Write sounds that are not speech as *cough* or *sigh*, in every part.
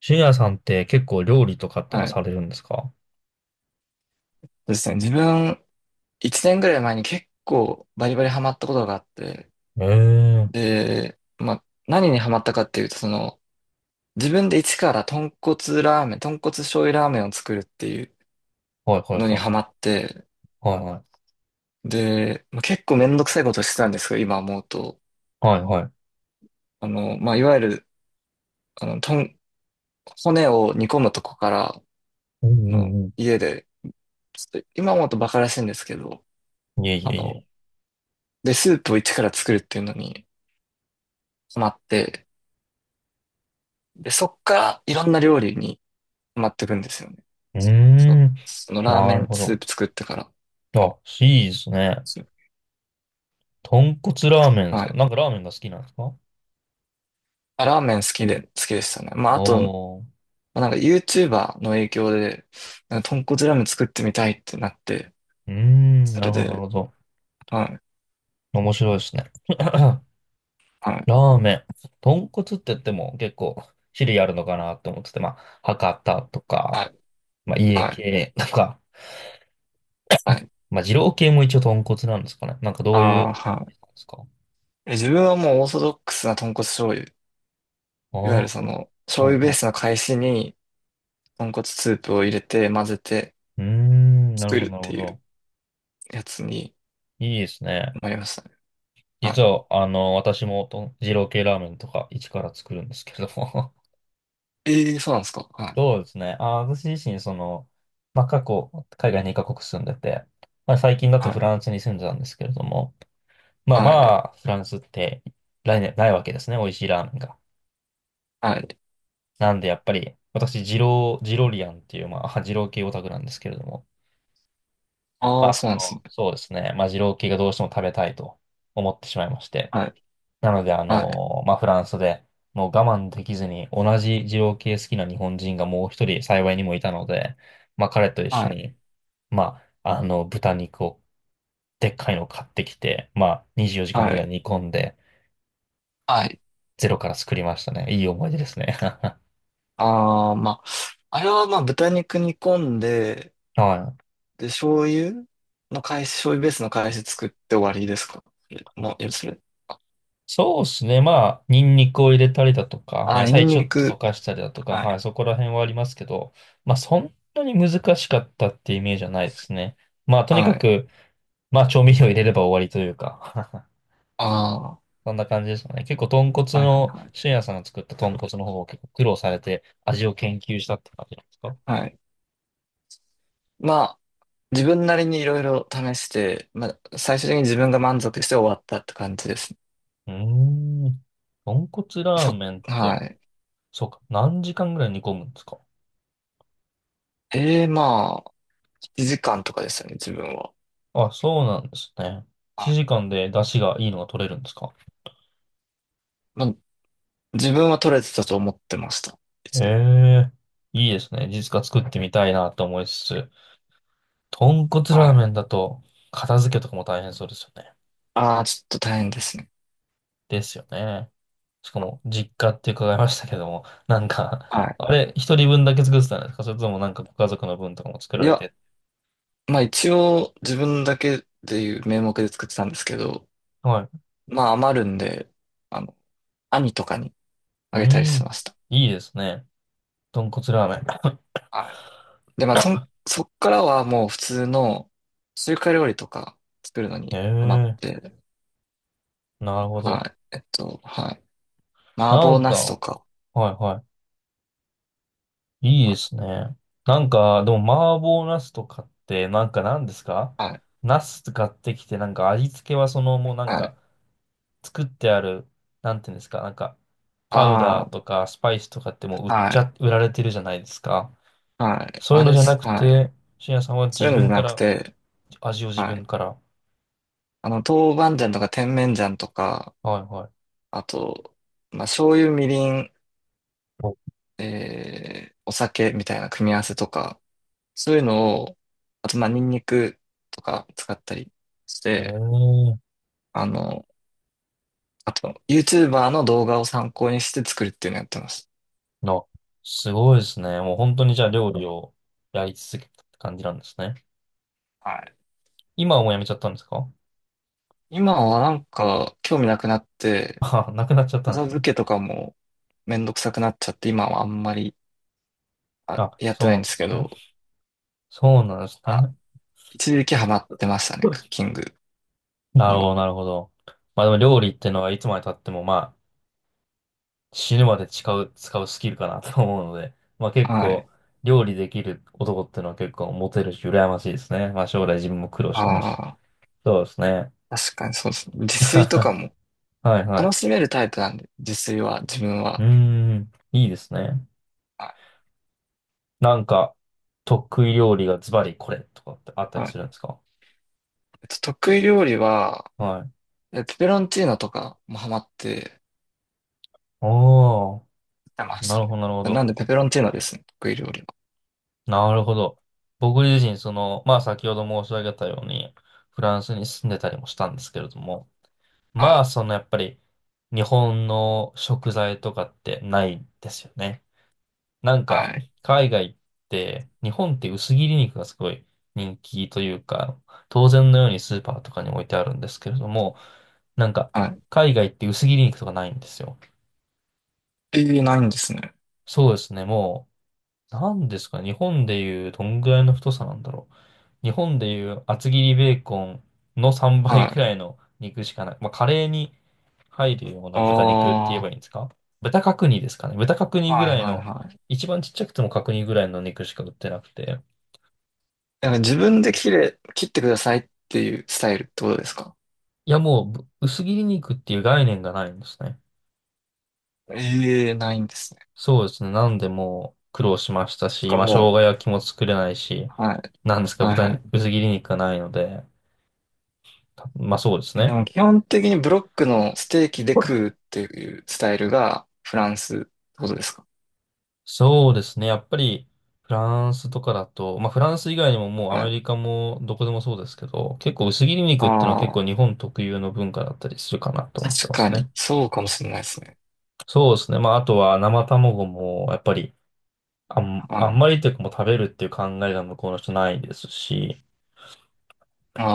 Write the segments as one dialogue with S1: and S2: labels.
S1: 深夜さんって結構料理とかってのは
S2: はい。
S1: され
S2: そ
S1: るんですか？
S2: うですね。自分、1年ぐらい前に結構バリバリハマったことがあって、
S1: ええー、
S2: で、まあ、何にハマったかっていうと、自分で一から豚骨ラーメン、豚骨醤油ラーメンを作るっていう
S1: はいはい
S2: のに
S1: は
S2: ハ
S1: い。
S2: マって、
S1: はいはい。
S2: で、まあ、結構めんどくさいことしてたんですけど、今思うと。
S1: はいはい。
S2: まあ、いわゆる、あの、とん、骨を煮込むとこから、
S1: うんうんう
S2: 家で、ちょっと今思うとバカらしいんですけど、
S1: ん。いえい
S2: あ
S1: えいえ
S2: の、で、スープを一から作るっていうのにハマって、で、そっからいろんな料理にハマっていくんですよね。
S1: い
S2: そ、そ
S1: え。う
S2: その
S1: ーん、
S2: ラー
S1: な
S2: メ
S1: る
S2: ン
S1: ほ
S2: ス
S1: ど。
S2: ープ作ってから。
S1: あ、いいですね。
S2: そう、
S1: 豚骨ラーメンです
S2: は
S1: か？
S2: い。
S1: なんかラーメンが好きなんですか？
S2: あ、ラーメン好きで、好きでしたね。まあ、あと、ま
S1: おー。
S2: あなんか YouTuber の影響で、なんか豚骨ラーメン作ってみたいってなって、
S1: うーん、
S2: そ
S1: な
S2: れ
S1: るほどなる
S2: で、
S1: ほど。
S2: はい、
S1: 面白いですね。*clears throat* *coughs* ラ
S2: はい、
S1: ーメン。豚骨って言っても結構種類あるのかなって思ってて、まあ、博多と
S2: は
S1: か、
S2: い、
S1: まあ、家
S2: はい、
S1: 系とか、
S2: はい。
S1: まあ、二郎系も一応豚骨なんですかね。なんかど
S2: あ
S1: ういう、で
S2: あ、は
S1: すか？
S2: い。自分はもうオーソドックスな豚骨醤油。
S1: あ
S2: いわ
S1: あ
S2: ゆるそ
S1: ー、
S2: の、醤
S1: はい
S2: 油ベー
S1: はい。
S2: スの返しに豚骨スープを入れて混ぜて
S1: うーん、なる
S2: 作
S1: ほど、
S2: るっ
S1: なる
S2: て
S1: ほ
S2: いう
S1: ど。
S2: やつに
S1: いいですね。
S2: なりましたね。は
S1: 実
S2: い、
S1: は、あの、私もと二郎系ラーメンとか一から作るんですけれども。
S2: ええ、そうなんですか。は
S1: *laughs*
S2: い。
S1: そうですね。あ、私自身、その、まあ、過去、海外2カ国住んでて、まあ、最近だと
S2: は
S1: フ
S2: い。
S1: ランスに住んでたんですけれども、まあ
S2: は
S1: ま
S2: い。
S1: あ、フランスって来年ないわけですね。美味しいラーメンが。
S2: はい。
S1: なんで、やっぱり、私、二郎、ジロリアンっていう、まあ、*laughs* 二郎系オタクなんですけれども、
S2: あ
S1: ま
S2: あ、
S1: あ、
S2: そ
S1: そ
S2: うなんです
S1: の、
S2: ね。
S1: そうですね。まあ、二郎系がどうしても食べたいと思ってしまいまして。
S2: はい。
S1: なので、あ
S2: はい。
S1: の、まあ、フランスで、もう我慢できずに、同じ二郎系好きな日本人がもう一人幸いにもいたので、まあ、彼と一
S2: は
S1: 緒
S2: い。
S1: に、まあ、あの、豚肉を、でっかいのを買ってきて、まあ、24時
S2: は
S1: 間ぐらい
S2: い。
S1: 煮込んで、
S2: はい。
S1: ゼロから作りましたね。いい思い出ですね。*laughs*
S2: ああ、まあ、あれはまあ、豚肉煮込んで、
S1: はい。
S2: で、醤油の返し、醤油ベースの返し作って終わりですか？それもう、よそれ。
S1: そうですね。まあ、ニンニクを入れたりだとか、ま
S2: あ
S1: あ、
S2: あ、
S1: 野
S2: ニ
S1: 菜
S2: ン
S1: ちょ
S2: ニ
S1: っと溶
S2: ク。
S1: かしたりだとか、
S2: は
S1: はい、
S2: い。
S1: そこら辺はありますけど、まあ、そんなに難しかったってイメージはないですね。まあ、とにか
S2: はい。
S1: く、まあ、調味料入れれば終わりというか。
S2: ああ、
S1: *laughs* そんな感じですかね。結構、豚骨
S2: はいはい
S1: の、
S2: はい。
S1: 俊也さんが作った豚骨の方を結構苦労されて、味を研究したって感じなんですか？
S2: はい。まあ、自分なりにいろいろ試して、まあ、最終的に自分が満足して終わったって感じですね。
S1: うーん。豚骨ラーメンっ
S2: は
S1: て、
S2: い。
S1: そうか、何時間ぐらい煮込むんですか？
S2: ええ、まあ、1時間とかですよね、自分は。
S1: あ、そうなんですね。
S2: は
S1: 1
S2: い。
S1: 時間で出汁がいいのが取れるんですか？
S2: まあ、自分は取れてたと思ってました。い
S1: え
S2: つも。
S1: え、いいですね。実家作ってみたいなと思いつつ、豚骨ラ
S2: は
S1: ーメ
S2: い。
S1: ンだと片付けとかも大変そうですよね。
S2: ああ、ちょっと大変ですね。
S1: ですよね。しか
S2: あ、
S1: も、実家って伺いましたけども、なんか、
S2: は
S1: あれ、一人分だけ作ってたんですか？それともなんかご家族の分とかも作
S2: い。
S1: ら
S2: い
S1: れ
S2: や、
S1: て。
S2: まあ一応自分だけでいう名目で作ってたんですけど、
S1: はい。
S2: まあ余るんで、あの、兄とかに
S1: う
S2: あ
S1: ー
S2: げたりして
S1: ん、
S2: ました。
S1: いいですね。豚骨ラー
S2: はい。で、まあ、そっからはもう普通の中華料理とか作るの
S1: メ
S2: に
S1: ン。
S2: ハマっ
S1: *laughs* ええ、
S2: て、
S1: なるほど。
S2: はい。はい。麻
S1: な
S2: 婆
S1: ん
S2: 茄
S1: か、
S2: 子と
S1: は
S2: か、
S1: いはい。いい
S2: は
S1: です
S2: い
S1: ね。なんか、でも、麻婆茄子とかって、なんか何ですか？
S2: はい。
S1: 茄子買ってきて、なんか味付けはその、もうなん
S2: はい。
S1: か、作ってある、なんていうんですか、なんか、パウダ
S2: あ
S1: ーとかスパイスとかってもう売
S2: あ、
S1: っ
S2: は
S1: ちゃ、
S2: い。
S1: 売られてるじゃないですか。
S2: はい。
S1: そういう
S2: あれ
S1: の
S2: っ
S1: じゃな
S2: す。
S1: く
S2: はい。
S1: て、深夜さんは
S2: そ
S1: 自
S2: ういうのじゃ
S1: 分か
S2: なく
S1: ら、
S2: て、
S1: 味を自
S2: は
S1: 分
S2: い。
S1: から。
S2: 豆板醤とか甜麺醤とか、
S1: はいはい。
S2: あと、まあ、醤油、みりん、
S1: お
S2: お酒みたいな組み合わせとか、そういうのを、あと、まあ、ニンニクとか使ったりし
S1: え
S2: て、
S1: ー、
S2: あの、あと、YouTuber の動画を参考にして作るっていうのやってます。
S1: な、すごいですね。もう本当にじゃあ料理をやり続けたって感じなんですね。
S2: はい。
S1: 今はもうやめちゃったんですか？
S2: 今はなんか、興味なくなっ
S1: *laughs*
S2: て、
S1: あ、なくなっちゃったんで
S2: 片
S1: すね。
S2: 付けとかもめんどくさくなっちゃって、今はあんまり、
S1: あ、
S2: やってな
S1: そう
S2: い
S1: な
S2: んで
S1: ん
S2: す
S1: で
S2: け
S1: す
S2: ど、
S1: ね。そうなんですね。
S2: 一時期ハマってましたね、クッキ
S1: *laughs*
S2: ング
S1: なる
S2: に
S1: ほ
S2: は。
S1: ど、なるほど。まあでも料理ってのはいつまで経ってもまあ死ぬまで使う、使うスキルかなと思うので、まあ結
S2: は
S1: 構
S2: い。
S1: 料理できる男ってのは結構モテるし羨ましいですね。まあ将来自分も苦労しないし。
S2: ああ、
S1: そうですね。
S2: 確かにそうですね。自
S1: *laughs*
S2: 炊とかも
S1: はいは
S2: 楽
S1: い。
S2: しめるタイプなんで、自炊は、自分
S1: うー
S2: は。
S1: ん、いいですね。
S2: は
S1: なんか得意料理がズバリこれとかってあっ
S2: い。
S1: たり
S2: は
S1: す
S2: い。
S1: るんですか？
S2: 得意料理は、
S1: はい。
S2: ペペロンチーノとかもハマって
S1: おー、
S2: やってまし
S1: な
S2: た
S1: るほど、なるほ
S2: ね。な
S1: ど。
S2: んでペペロンチーノですね、得意料理
S1: なるほど。僕自身、その、まあ先ほど申し上げたように、フランスに住んでたりもしたんですけれども、
S2: は。は
S1: まあ
S2: い。
S1: そのやっぱり、日本の食材とかってないですよね。なんか、
S2: はい。
S1: 海外って、日本って薄切り肉がすごい人気というか、当然のようにスーパーとかに置いてあるんですけれども、なんか、
S2: は
S1: 海外って薄切り肉とかないんですよ。
S2: い。えー、ないんですね。
S1: そうですね、もう、なんですかね、日本でいうどんぐらいの太さなんだろう。日本でいう厚切りベーコンの3
S2: は
S1: 倍ぐ
S2: い。
S1: らいの肉しかない。まあ、カレーに入るよう
S2: あ
S1: な豚肉って
S2: あ、
S1: 言えば
S2: は
S1: いいんですか？豚角煮ですかね。豚角
S2: い
S1: 煮ぐ
S2: はい
S1: らいの、
S2: はい。
S1: 一番ちっちゃくても角煮ぐらいの肉しか売ってなくて。
S2: なんか自分で切ってくださいっていうスタイルってことですか？
S1: いや、もうぶ薄切り肉っていう概念がないんですね。
S2: ええー、ないんですね。
S1: そうですね。なんでもう苦労しました
S2: そっ
S1: し、
S2: か、
S1: まあ、生
S2: も
S1: 姜焼きも作れないし、
S2: う、はい。
S1: なんですか、
S2: はい
S1: 豚
S2: は
S1: に、
S2: い。
S1: 薄切り肉がないので、たまあそうです
S2: で
S1: ね。
S2: も基本的にブロックのステーキで食うっていうスタイルがフランスってことですか？
S1: そうですね。やっぱり、フランスとかだと、まあ、フランス以外にももうア
S2: は
S1: メリ
S2: い。
S1: カもどこでもそうですけど、結構薄切り肉っていうのは結構
S2: あ
S1: 日
S2: あ、
S1: 本特有の文化だったりするかなと思って
S2: 確
S1: ま
S2: か
S1: す
S2: に、
S1: ね。
S2: そうかもしれないですね。
S1: そうですね。まあ、あとは生卵も、やっぱり、あん、
S2: は
S1: あんま
S2: い。
S1: りというかもう食べるっていう考えが向こうの人ないですし、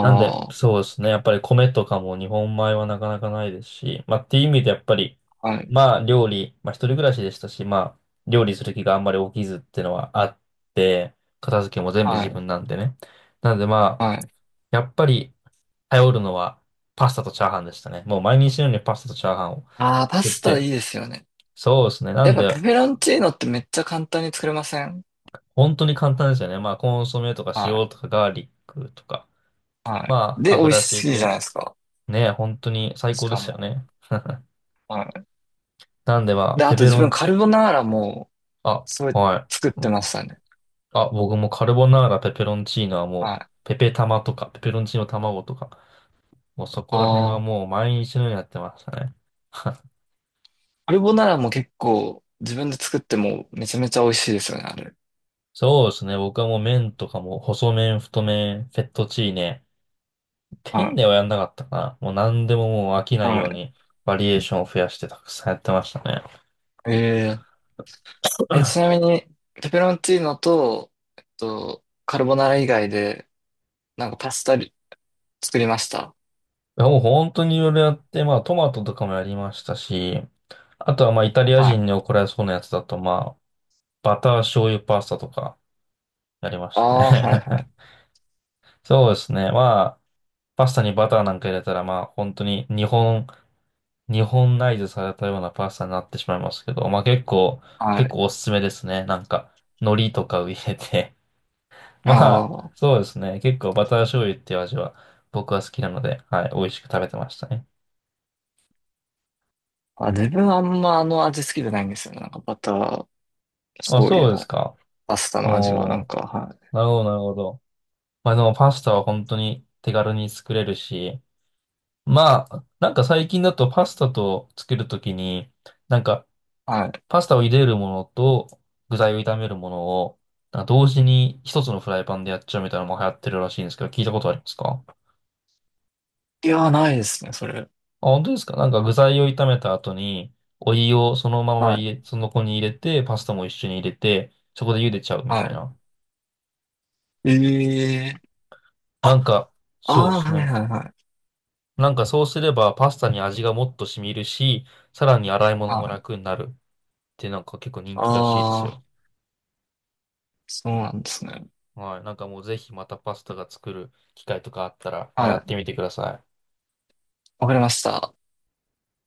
S1: なんで、
S2: あ、
S1: そうですね。やっぱり米とかも日本米はなかなかないですし、まあっていう意味でやっぱり、
S2: はい、
S1: まあ料理、まあ一人暮らしでしたし、まあ料理する気があんまり起きずっていうのはあって、片付けも全部
S2: は
S1: 自分
S2: い、
S1: なんでね。なのでま
S2: は
S1: あ、
S2: い。
S1: やっぱり頼るのはパスタとチャーハンでしたね。もう毎日のようにパスタとチャーハンを
S2: ああ、パ
S1: 作っ
S2: スタ
S1: て、
S2: いいですよね。
S1: そうですね。な
S2: やっ
S1: ん
S2: ぱペ
S1: で、
S2: ペロンチーノってめっちゃ簡単に作れません？
S1: 本当に簡単ですよね。まあコンソメとか
S2: は
S1: 塩とかガーリックとか、
S2: い、はい。
S1: まあ
S2: で、美味
S1: 油敷
S2: し
S1: い
S2: いじゃな
S1: て、
S2: いですか。
S1: ね、本当に最
S2: し
S1: 高で
S2: か
S1: すよ
S2: も。
S1: ね。*laughs*
S2: はい。
S1: なんでまあ、
S2: で、あ
S1: ペ
S2: と
S1: ペ
S2: 自
S1: ロン
S2: 分カル
S1: チ、
S2: ボナーラも、
S1: あ、
S2: それ
S1: はい。
S2: 作ってましたね。
S1: あ、僕もカルボナーラ、ペペロンチーノはも
S2: はい。あ
S1: う、ペペ玉とか、ペペロンチーノ卵とか、もうそこら辺
S2: あ。
S1: はもう毎日のようにやってましたね。*laughs*
S2: カルボナーラも結構自分で作ってもめちゃめちゃ美味しいですよね、あれ。
S1: そうですね。僕はもう麺とかも、細麺、太麺、フェットチーネ。ペ
S2: は
S1: ン
S2: い。
S1: ネはやんなかったかな。もう何でももう飽きないよう
S2: は
S1: に、バリエーションを増やしてたくさんやってましたね。
S2: い。ちなみに、ペペロンチーノと、カルボナーラ以外で、なんかパスタり作りました。
S1: いやもう本当にいろいろやって、まあトマトとかもやりましたし、あとはまあイタリア
S2: は
S1: 人
S2: い。
S1: に怒られそうなやつだとまあ、バター醤油パスタとかやりま
S2: あ
S1: した
S2: あ、はいは
S1: ね。
S2: い。
S1: *laughs* そうですね。まあ、パスタにバターなんか入れたら、まあ、本当に日本、日本ナイズされたようなパスタになってしまいますけど、まあ結構、
S2: は
S1: 結
S2: い。
S1: 構おすすめですね。なんか、海苔とかを入れて。 *laughs* まあ、
S2: あ
S1: そうですね。結構バター醤油っていう味は僕は好きなので、はい、美味しく食べてましたね。
S2: あ。あ、自分あんまあの味好きじゃないんですよね。なんかバター、
S1: あ、
S2: 醤油
S1: そうです
S2: の
S1: か。
S2: パスタの味は、な
S1: お
S2: ん
S1: ー、
S2: か、はい。
S1: なるほど、なるほど。まあでもパスタは本当に手軽に作れるし、まあ、なんか最近だとパスタとつけるときに、なんか
S2: は
S1: パスタを茹でるものと具材を炒めるものを、なんか同時に一つのフライパンでやっちゃうみたいなのも流行ってるらしいんですけど、聞いたことありますか？あ、
S2: い。いやー、ないですね、それ。
S1: 本当ですか？なんか具材を炒めた後に、お湯をそのまま
S2: は
S1: 入
S2: い。
S1: れ、その子に入れて、パスタも一緒に入れて、そこで茹でちゃうみたい
S2: は
S1: な。
S2: い。ええー。
S1: なん
S2: あ、
S1: か、
S2: あ
S1: そうで
S2: あ、
S1: す
S2: はい
S1: ね。
S2: はいはい。
S1: なんかそうすればパスタに味がもっと染みるし、さらに洗い物
S2: は
S1: も
S2: い。
S1: 楽になるってなんか結構人気らしいです
S2: あ
S1: よ。
S2: あ。そうなんですね。
S1: はい。なんかもうぜひまたパスタが作る機会とかあったら、まあ、
S2: は
S1: やっ
S2: い。
S1: てみてください。
S2: わかりました。